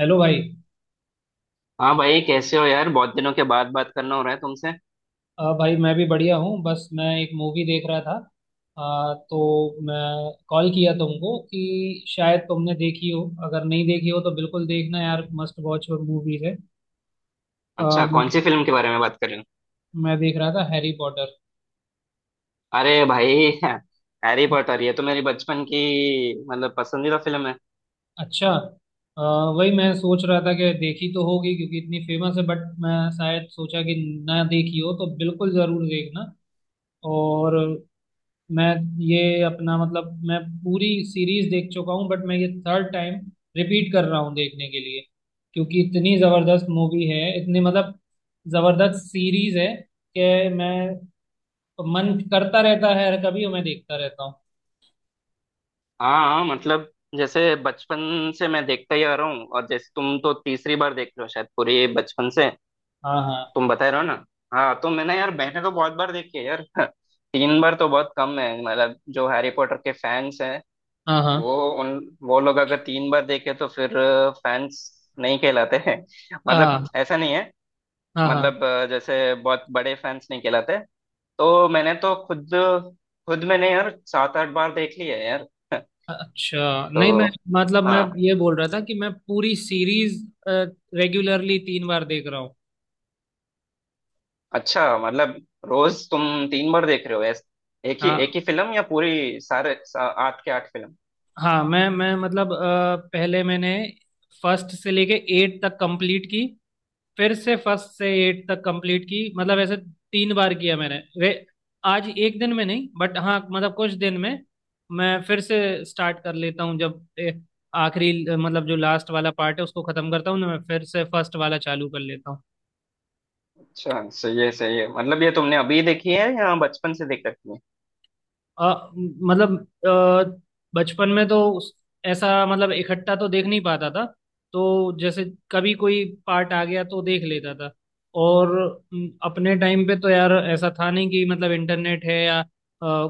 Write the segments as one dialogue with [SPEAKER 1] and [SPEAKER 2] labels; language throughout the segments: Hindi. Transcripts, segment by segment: [SPEAKER 1] हेलो भाई।
[SPEAKER 2] हाँ भाई, कैसे हो यार? बहुत दिनों के बाद बात करना हो रहा है तुमसे।
[SPEAKER 1] भाई मैं भी बढ़िया हूँ। बस मैं एक मूवी देख रहा था। तो मैं कॉल किया तुमको कि शायद तुमने देखी हो, अगर नहीं देखी हो तो बिल्कुल देखना यार, मस्ट वॉच मूवीज है। अ,
[SPEAKER 2] अच्छा,
[SPEAKER 1] मैं
[SPEAKER 2] कौन सी फिल्म के बारे में बात कर रहे हो?
[SPEAKER 1] मैं देख रहा था हैरी पॉटर।
[SPEAKER 2] अरे भाई, हैरी पॉटर! ये तो मेरी बचपन की मतलब, पसंदीदा फिल्म है।
[SPEAKER 1] अच्छा। अ, वही मैं सोच रहा था कि देखी तो होगी क्योंकि इतनी फेमस है, बट मैं शायद सोचा कि ना देखी हो तो बिल्कुल ज़रूर देखना। और मैं ये अपना मतलब मैं पूरी सीरीज देख चुका हूँ, बट मैं ये थर्ड टाइम रिपीट कर रहा हूँ देखने के लिए, क्योंकि इतनी जबरदस्त मूवी है, इतनी मतलब जबरदस्त सीरीज है कि मैं मन करता रहता है और कभी मैं देखता रहता हूँ।
[SPEAKER 2] हाँ हाँ, मतलब जैसे बचपन से मैं देखता ही आ रहा हूँ, और जैसे तुम तो तीसरी बार देख रहे हो शायद, पूरी बचपन से
[SPEAKER 1] हाँ,
[SPEAKER 2] तुम बता रहे हो ना। हाँ तो मैंने यार, मैंने तो बहुत बार देखी है यार तीन बार तो बहुत कम है, मतलब जो हैरी पॉटर के फैंस हैं,
[SPEAKER 1] हाँ, हाँ, हाँ,
[SPEAKER 2] वो वो लोग अगर तीन बार देखे तो फिर फैंस नहीं कहलाते हैं मतलब
[SPEAKER 1] हाँ,
[SPEAKER 2] ऐसा नहीं है,
[SPEAKER 1] हाँ, हाँ।
[SPEAKER 2] मतलब जैसे बहुत बड़े फैंस नहीं कहलाते। तो मैंने तो खुद, खुद मैंने यार 7 8 बार देख ली है यार
[SPEAKER 1] अच्छा
[SPEAKER 2] तो
[SPEAKER 1] नहीं मैं। मतलब मैं
[SPEAKER 2] हाँ,
[SPEAKER 1] ये बोल रहा था कि मैं पूरी सीरीज रेगुलरली तीन बार देख रहा हूँ।
[SPEAKER 2] अच्छा मतलब रोज तुम 3 बार देख रहे हो? ऐस
[SPEAKER 1] हाँ,
[SPEAKER 2] एक ही फिल्म, या पूरी 8 के 8 फिल्म?
[SPEAKER 1] हाँ। मैं मतलब पहले मैंने फर्स्ट से लेके एट तक कंप्लीट की, फिर से फर्स्ट से एट तक कंप्लीट की, मतलब ऐसे तीन बार किया मैंने। रे, आज एक दिन में नहीं, बट हाँ मतलब कुछ दिन में मैं फिर से स्टार्ट कर लेता हूँ। जब आखिरी मतलब जो लास्ट वाला पार्ट है उसको खत्म करता हूँ ना, मैं फिर से फर्स्ट वाला चालू कर लेता हूँ।
[SPEAKER 2] अच्छा, सही है सही है। मतलब ये तुमने अभी देखी है या बचपन से देख रखी है?
[SPEAKER 1] मतलब अ, बचपन में तो ऐसा मतलब इकट्ठा तो देख नहीं पाता था। तो जैसे कभी कोई पार्ट आ गया तो देख लेता था। और अपने टाइम पे तो यार ऐसा था नहीं कि मतलब इंटरनेट है या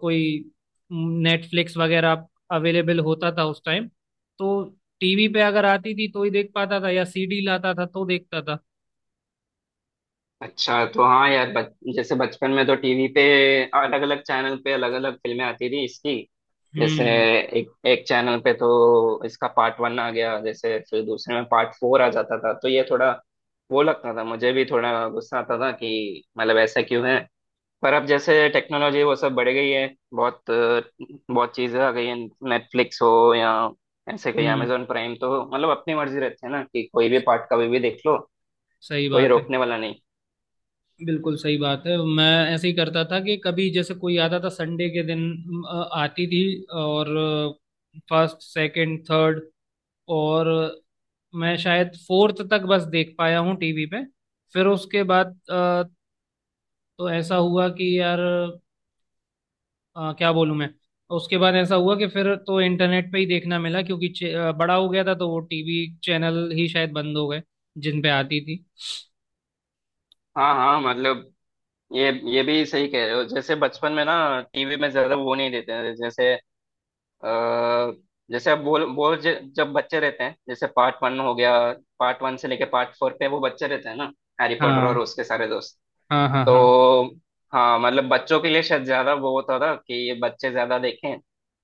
[SPEAKER 1] कोई नेटफ्लिक्स वगैरह अवेलेबल होता था उस टाइम। तो टीवी पे अगर आती थी तो ही देख पाता था, या सीडी लाता था तो देखता था।
[SPEAKER 2] अच्छा तो हाँ यार, जैसे बचपन में तो टीवी पे अलग अलग चैनल पे अलग अलग फिल्में आती थी इसकी। जैसे
[SPEAKER 1] हम्म,
[SPEAKER 2] एक एक चैनल पे तो इसका पार्ट वन आ गया, जैसे फिर दूसरे में पार्ट फोर आ जाता था, तो ये थोड़ा वो लगता था, मुझे भी थोड़ा गुस्सा आता था कि मतलब ऐसा क्यों है। पर अब जैसे टेक्नोलॉजी वो सब बढ़ गई है, बहुत बहुत चीज़ें आ गई हैं। नेटफ्लिक्स हो या ऐसे कहीं
[SPEAKER 1] हम्म।
[SPEAKER 2] अमेजोन प्राइम, तो मतलब अपनी मर्जी रहती है ना कि कोई भी पार्ट कभी भी देख लो,
[SPEAKER 1] सही
[SPEAKER 2] कोई
[SPEAKER 1] बात है।
[SPEAKER 2] रोकने वाला नहीं।
[SPEAKER 1] बिल्कुल सही बात है। मैं ऐसे ही करता था कि कभी जैसे कोई आता था संडे के दिन आती थी। और फर्स्ट, सेकंड, थर्ड और मैं शायद फोर्थ तक बस देख पाया हूँ टीवी पे। फिर उसके बाद तो ऐसा हुआ कि यार क्या बोलूँ मैं। उसके बाद ऐसा हुआ कि फिर तो इंटरनेट पे ही देखना मिला क्योंकि बड़ा हो गया था तो वो टीवी चैनल ही शायद बंद हो गए जिन पे आती थी।
[SPEAKER 2] हाँ हाँ, मतलब ये भी सही कह रहे हो। जैसे बचपन में ना, टीवी में ज्यादा वो नहीं देते हैं। जैसे आ, जैसे अब बोल बोल ज- जब बच्चे रहते हैं, जैसे पार्ट वन हो गया, पार्ट वन से लेके पार्ट फोर पे वो बच्चे रहते हैं ना, हैरी पॉटर और
[SPEAKER 1] हाँ,
[SPEAKER 2] उसके सारे दोस्त।
[SPEAKER 1] हाँ, हाँ, हाँ।
[SPEAKER 2] तो हाँ, मतलब बच्चों के लिए शायद ज्यादा वो होता था कि ये बच्चे ज्यादा देखें।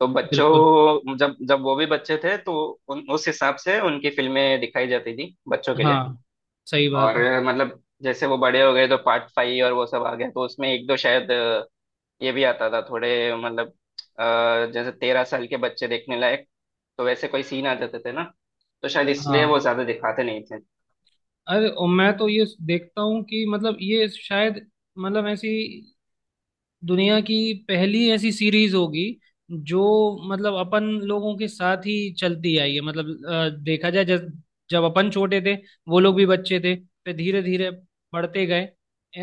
[SPEAKER 2] तो
[SPEAKER 1] बिल्कुल।
[SPEAKER 2] बच्चों जब जब वो भी बच्चे थे तो उस हिसाब से उनकी फिल्में दिखाई जाती थी बच्चों के लिए।
[SPEAKER 1] हाँ, सही बात
[SPEAKER 2] और
[SPEAKER 1] है।
[SPEAKER 2] मतलब जैसे वो बड़े हो गए तो पार्ट फाइव और वो सब आ गया, तो उसमें एक दो शायद, ये भी आता था थोड़े, मतलब जैसे 13 साल के बच्चे देखने लायक, तो वैसे कोई सीन आ जाते थे ना, तो शायद इसलिए वो
[SPEAKER 1] हाँ।
[SPEAKER 2] ज्यादा दिखाते नहीं थे।
[SPEAKER 1] अरे और मैं तो ये देखता हूँ कि मतलब ये शायद मतलब ऐसी दुनिया की पहली ऐसी सीरीज होगी जो मतलब अपन लोगों के साथ ही चलती आई है। मतलब देखा जाए, जब जब अपन छोटे थे वो लोग भी बच्चे थे, फिर धीरे धीरे बढ़ते गए।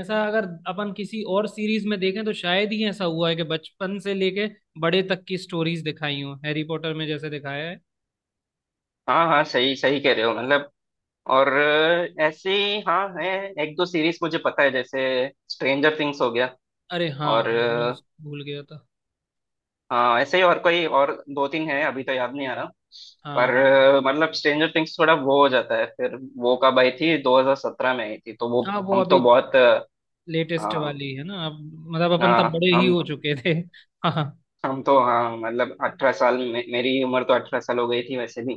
[SPEAKER 1] ऐसा अगर अपन किसी और सीरीज में देखें तो शायद ही ऐसा हुआ है कि बचपन से लेके बड़े तक की स्टोरीज दिखाई हो हैरी पॉटर में जैसे दिखाया है।
[SPEAKER 2] हाँ हाँ, सही सही कह रहे हो। मतलब और ऐसे ही हाँ है, एक दो सीरीज मुझे पता है, जैसे स्ट्रेंजर थिंग्स हो गया।
[SPEAKER 1] अरे हाँ,
[SPEAKER 2] और
[SPEAKER 1] हाँ, मैं उस भूल गया था।
[SPEAKER 2] हाँ ऐसे ही और कोई और 2 3 है, अभी तो याद नहीं आ रहा।
[SPEAKER 1] हाँ,
[SPEAKER 2] पर
[SPEAKER 1] हाँ,
[SPEAKER 2] मतलब स्ट्रेंजर थिंग्स थोड़ा वो हो जाता है, फिर वो कब आई थी, 2017 में आई थी, तो वो
[SPEAKER 1] हाँ। वो
[SPEAKER 2] हम तो
[SPEAKER 1] अभी
[SPEAKER 2] बहुत
[SPEAKER 1] लेटेस्ट
[SPEAKER 2] हाँ
[SPEAKER 1] वाली है ना अब। मतलब अपन तब
[SPEAKER 2] हाँ,
[SPEAKER 1] बड़े ही हो चुके थे। हाँ।
[SPEAKER 2] हम तो हाँ, मतलब 18 साल मेरी उम्र तो 18 साल हो गई थी वैसे भी।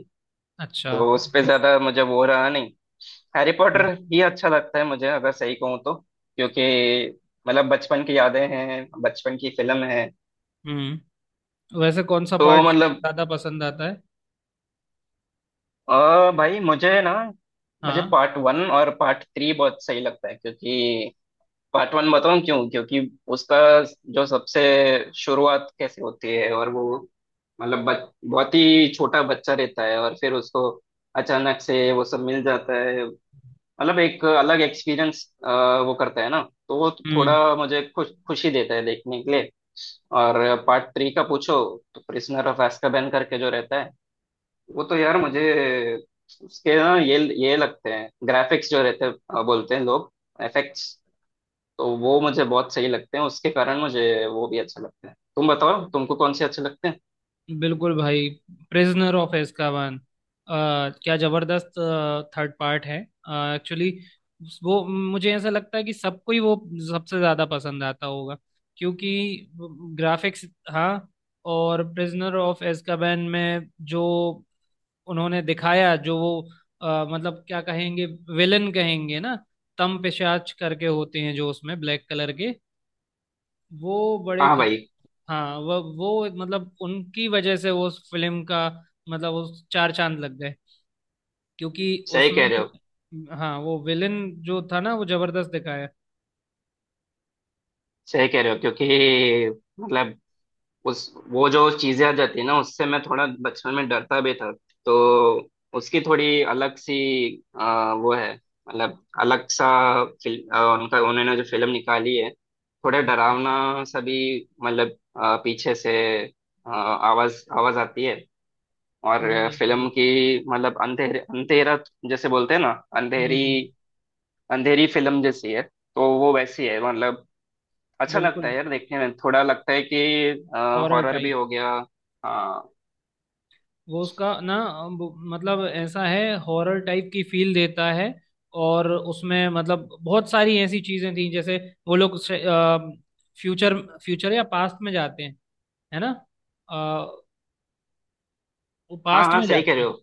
[SPEAKER 1] अच्छा।
[SPEAKER 2] तो उस पे ज्यादा मुझे वो रहा नहीं। हैरी पॉटर ही अच्छा लगता है मुझे, अगर सही कहूँ तो, क्योंकि मतलब बचपन की यादें हैं, बचपन की फिल्म है।
[SPEAKER 1] हम्म। वैसे कौन सा
[SPEAKER 2] तो
[SPEAKER 1] पार्ट
[SPEAKER 2] मतलब,
[SPEAKER 1] ज्यादा पसंद आता है?
[SPEAKER 2] और भाई मुझे ना, मुझे
[SPEAKER 1] हाँ।
[SPEAKER 2] पार्ट वन और पार्ट थ्री बहुत सही लगता है। क्योंकि पार्ट वन बताऊं क्यों, क्योंकि उसका जो सबसे शुरुआत कैसे होती है, और वो मतलब बहुत ही छोटा बच्चा रहता है और फिर उसको अचानक से वो सब मिल जाता है। मतलब एक अलग एक्सपीरियंस वो करता है ना, तो वो
[SPEAKER 1] हम्म।
[SPEAKER 2] थोड़ा मुझे खुश खुशी देता है देखने के लिए। और पार्ट थ्री का पूछो तो प्रिजनर ऑफ azkaban करके जो रहता है, वो तो यार मुझे, उसके ना ये लगते हैं ग्राफिक्स जो रहते हैं, बोलते हैं लोग एफेक्ट्स, तो वो मुझे बहुत सही लगते हैं। उसके कारण मुझे वो भी अच्छे लगते हैं। तुम बताओ तुमको कौन से अच्छे लगते हैं?
[SPEAKER 1] बिल्कुल भाई। प्रिजनर ऑफ एस्काबान, क्या जबरदस्त थर्ड पार्ट है एक्चुअली। वो मुझे ऐसा लगता है कि सबको ही वो सबसे ज्यादा पसंद आता होगा, क्योंकि ग्राफिक्स। हाँ। और प्रिजनर ऑफ एस्काबान में जो उन्होंने दिखाया जो वो, मतलब क्या कहेंगे, विलन कहेंगे ना, तम पिशाच करके होते हैं जो उसमें ब्लैक कलर के, वो बड़े
[SPEAKER 2] हाँ
[SPEAKER 1] खत।
[SPEAKER 2] भाई,
[SPEAKER 1] हाँ, वो मतलब उनकी वजह से वो उस फिल्म का मतलब उस चार चांद लग गए, क्योंकि
[SPEAKER 2] सही
[SPEAKER 1] उसमें।
[SPEAKER 2] कह रहे हो।
[SPEAKER 1] हाँ, वो विलन जो था ना वो जबरदस्त दिखाया।
[SPEAKER 2] सही कह रहे हो, क्योंकि मतलब उस, वो जो चीजें आ जाती है ना उससे मैं थोड़ा बचपन में डरता भी था। तो उसकी थोड़ी अलग सी वो है, मतलब अलग सा फिल्म उनका, उन्होंने जो फिल्म निकाली है, थोड़ा
[SPEAKER 1] हम्म,
[SPEAKER 2] डरावना सा भी। मतलब पीछे से आवाज आवाज आती है, और
[SPEAKER 1] नहीं, नहीं, सही है।
[SPEAKER 2] फिल्म की मतलब अंधेरे अंधेरा, जैसे बोलते हैं ना
[SPEAKER 1] हम्म,
[SPEAKER 2] अंधेरी,
[SPEAKER 1] हम्म।
[SPEAKER 2] अंधेरी फिल्म जैसी है। तो वो वैसी है, मतलब अच्छा लगता
[SPEAKER 1] बिल्कुल,
[SPEAKER 2] है यार देखने में, थोड़ा लगता है कि
[SPEAKER 1] हॉरर
[SPEAKER 2] हॉरर भी
[SPEAKER 1] टाइप।
[SPEAKER 2] हो गया। हाँ
[SPEAKER 1] वो उसका ना मतलब ऐसा है हॉरर टाइप की फील देता है। और उसमें मतलब बहुत सारी ऐसी चीजें थी जैसे वो लोग फ्यूचर फ्यूचर या पास्ट में जाते हैं, है ना? अ, वो
[SPEAKER 2] हाँ
[SPEAKER 1] पास्ट
[SPEAKER 2] हाँ,
[SPEAKER 1] में
[SPEAKER 2] सही कह
[SPEAKER 1] जाते
[SPEAKER 2] रहे
[SPEAKER 1] हैं।
[SPEAKER 2] हो।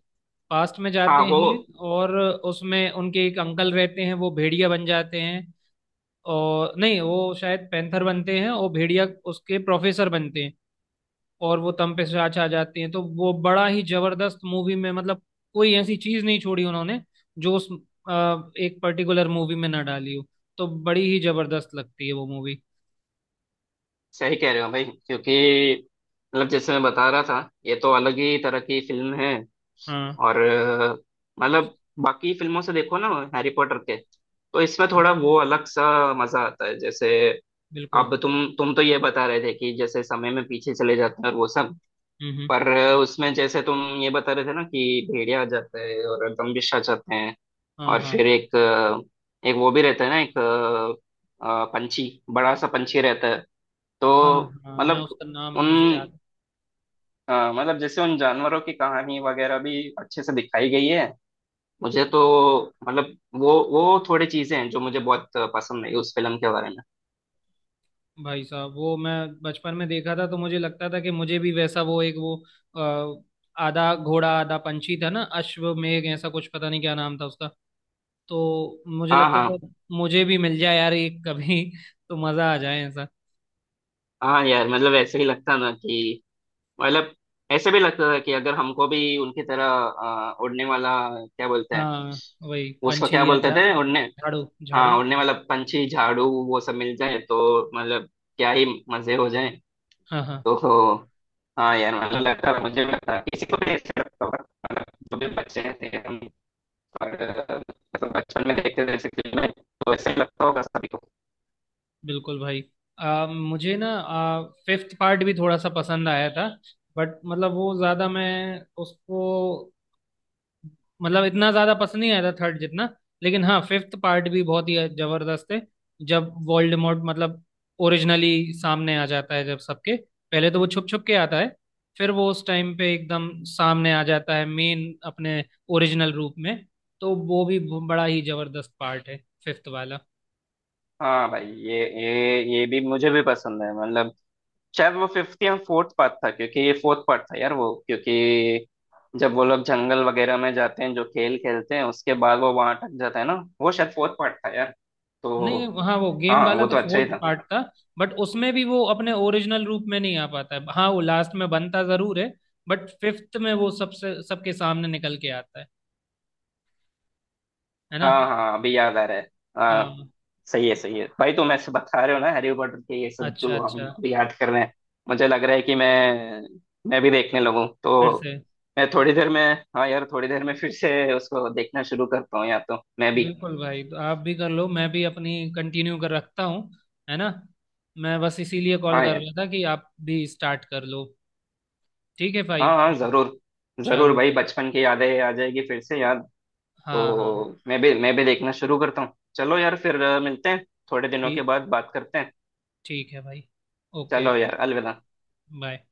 [SPEAKER 1] पास्ट में
[SPEAKER 2] हाँ
[SPEAKER 1] जाते
[SPEAKER 2] वो,
[SPEAKER 1] हैं और उसमें उनके एक अंकल रहते हैं, वो भेड़िया बन जाते हैं। और नहीं, वो शायद पैंथर बनते हैं और भेड़िया उसके प्रोफेसर बनते हैं। और वो तम पे साँच आ जाती है तो वो बड़ा ही जबरदस्त मूवी में मतलब कोई ऐसी चीज नहीं छोड़ी उन्होंने जो उस एक पर्टिकुलर मूवी में ना डाली हो। तो बड़ी ही जबरदस्त लगती है वो मूवी।
[SPEAKER 2] सही कह रहे हो भाई, क्योंकि मतलब जैसे मैं बता रहा था ये तो अलग ही तरह की फिल्म है।
[SPEAKER 1] हाँ।
[SPEAKER 2] और मतलब बाकी फिल्मों से देखो ना, हैरी पॉटर के, तो इसमें थोड़ा वो अलग सा मजा आता है। जैसे
[SPEAKER 1] बिल्कुल।
[SPEAKER 2] अब तुम तो ये बता रहे थे कि जैसे समय में पीछे चले जाते हैं और वो सब।
[SPEAKER 1] हम्म, हम्म।
[SPEAKER 2] पर उसमें जैसे तुम ये बता रहे थे ना कि भेड़िया आ जाते हैं और दम्भिष आ जाते हैं।
[SPEAKER 1] हाँ,
[SPEAKER 2] और फिर
[SPEAKER 1] हाँ,
[SPEAKER 2] एक एक वो भी रहता है ना, एक पंछी, बड़ा सा पंछी रहता है।
[SPEAKER 1] हाँ, हाँ,
[SPEAKER 2] तो
[SPEAKER 1] हाँ मैं
[SPEAKER 2] मतलब
[SPEAKER 1] उसका नाम
[SPEAKER 2] उन,
[SPEAKER 1] मुझे याद।
[SPEAKER 2] मतलब जैसे उन जानवरों की कहानी वगैरह भी अच्छे से दिखाई गई है मुझे तो। मतलब वो थोड़ी चीजें हैं जो मुझे बहुत पसंद आई उस फिल्म के बारे में।
[SPEAKER 1] भाई साहब, वो मैं बचपन में देखा था तो मुझे लगता था कि मुझे भी वैसा वो एक वो अ, आधा घोड़ा आधा पंछी था ना, अश्वमेघ ऐसा कुछ, पता नहीं क्या नाम था उसका। तो मुझे
[SPEAKER 2] हाँ
[SPEAKER 1] लगता था
[SPEAKER 2] हाँ
[SPEAKER 1] मुझे भी मिल जाए यार एक कभी। तो मजा आ जाए ऐसा।
[SPEAKER 2] हाँ यार, मतलब ऐसे ही लगता ना कि मतलब ऐसे भी लगता था कि अगर हमको भी उनकी तरह उड़ने वाला, क्या बोलते हैं,
[SPEAKER 1] हाँ, वही
[SPEAKER 2] उसको क्या
[SPEAKER 1] पंछी या
[SPEAKER 2] बोलते
[SPEAKER 1] झा
[SPEAKER 2] थे उड़ने।
[SPEAKER 1] झाड़ू, झाड़ू।
[SPEAKER 2] हाँ उन्हें, मतलब पंछी, झाड़ू, वो सब मिल जाए तो मतलब क्या ही मजे हो जाए।
[SPEAKER 1] हाँ, हाँ।
[SPEAKER 2] तो हाँ यार, मतलब लगता है, मुझे भी लगता है, किसी को भी ऐसे लगता होगा। मतलब जो भी बच्चे हैं, थे हम, और, मतलब बचपन में देखते थे ऐसी फिल्में, तो ऐसे ही लगता होगा सभी को।
[SPEAKER 1] बिल्कुल भाई। मुझे ना फिफ्थ पार्ट भी थोड़ा सा पसंद आया था, बट मतलब वो ज्यादा मैं उसको मतलब इतना ज्यादा पसंद नहीं आया था थर्ड जितना। लेकिन हाँ, फिफ्थ पार्ट भी बहुत ही जबरदस्त है। जब वोल्डेमॉर्ट मतलब ओरिजिनली सामने आ जाता है जब सबके, पहले तो वो छुप छुप के आता है, फिर वो उस टाइम पे एकदम सामने आ जाता है मेन अपने ओरिजिनल रूप में। तो वो भी बड़ा ही जबरदस्त पार्ट है फिफ्थ वाला।
[SPEAKER 2] हाँ भाई, ये भी मुझे भी पसंद है। मतलब शायद वो फिफ्थ या फोर्थ पार्ट था, क्योंकि ये फोर्थ पार्ट था यार वो, क्योंकि जब वो लोग जंगल वगैरह में जाते हैं, जो खेल खेलते हैं, उसके बाद वो वहां अटक जाता है ना, वो शायद फोर्थ पार्ट था यार। तो
[SPEAKER 1] नहीं, हाँ, वो गेम
[SPEAKER 2] हाँ,
[SPEAKER 1] वाला
[SPEAKER 2] वो
[SPEAKER 1] तो
[SPEAKER 2] तो अच्छा ही
[SPEAKER 1] फोर्थ
[SPEAKER 2] था।
[SPEAKER 1] पार्ट था। बट उसमें भी वो अपने ओरिजिनल रूप में नहीं आ पाता है। हाँ, वो लास्ट में बनता जरूर है बट फिफ्थ में वो सबसे सबके सामने निकल के आता है ना?
[SPEAKER 2] हाँ हाँ, अभी याद आ रहा है। हाँ
[SPEAKER 1] हाँ।
[SPEAKER 2] सही है भाई, तुम ऐसे बता रहे हो ना हैरी पॉटर के ये सब,
[SPEAKER 1] अच्छा,
[SPEAKER 2] जो हम
[SPEAKER 1] अच्छा।
[SPEAKER 2] अभी याद कर रहे हैं, मुझे लग रहा है कि मैं भी देखने लगूं
[SPEAKER 1] फिर
[SPEAKER 2] तो।
[SPEAKER 1] से।
[SPEAKER 2] मैं थोड़ी देर में, हाँ यार थोड़ी देर में फिर से उसको देखना शुरू करता हूँ, या तो मैं भी।
[SPEAKER 1] बिल्कुल भाई, तो आप भी कर लो, मैं भी अपनी कंटिन्यू कर रखता हूँ, है ना? मैं बस इसीलिए कॉल
[SPEAKER 2] हाँ
[SPEAKER 1] कर
[SPEAKER 2] यार,
[SPEAKER 1] रहा था कि आप भी स्टार्ट कर लो। ठीक है भाई।
[SPEAKER 2] हाँ हाँ
[SPEAKER 1] फिर
[SPEAKER 2] जरूर, जरूर
[SPEAKER 1] चलो।
[SPEAKER 2] भाई, बचपन की यादें आ जाएगी फिर से याद। तो
[SPEAKER 1] हाँ, हाँ।
[SPEAKER 2] मैं भी देखना शुरू करता हूँ। चलो यार, फिर मिलते हैं, थोड़े दिनों के
[SPEAKER 1] ठीक,
[SPEAKER 2] बाद बात करते हैं।
[SPEAKER 1] ठीक है भाई। ओके।
[SPEAKER 2] चलो यार, अलविदा।
[SPEAKER 1] बाय।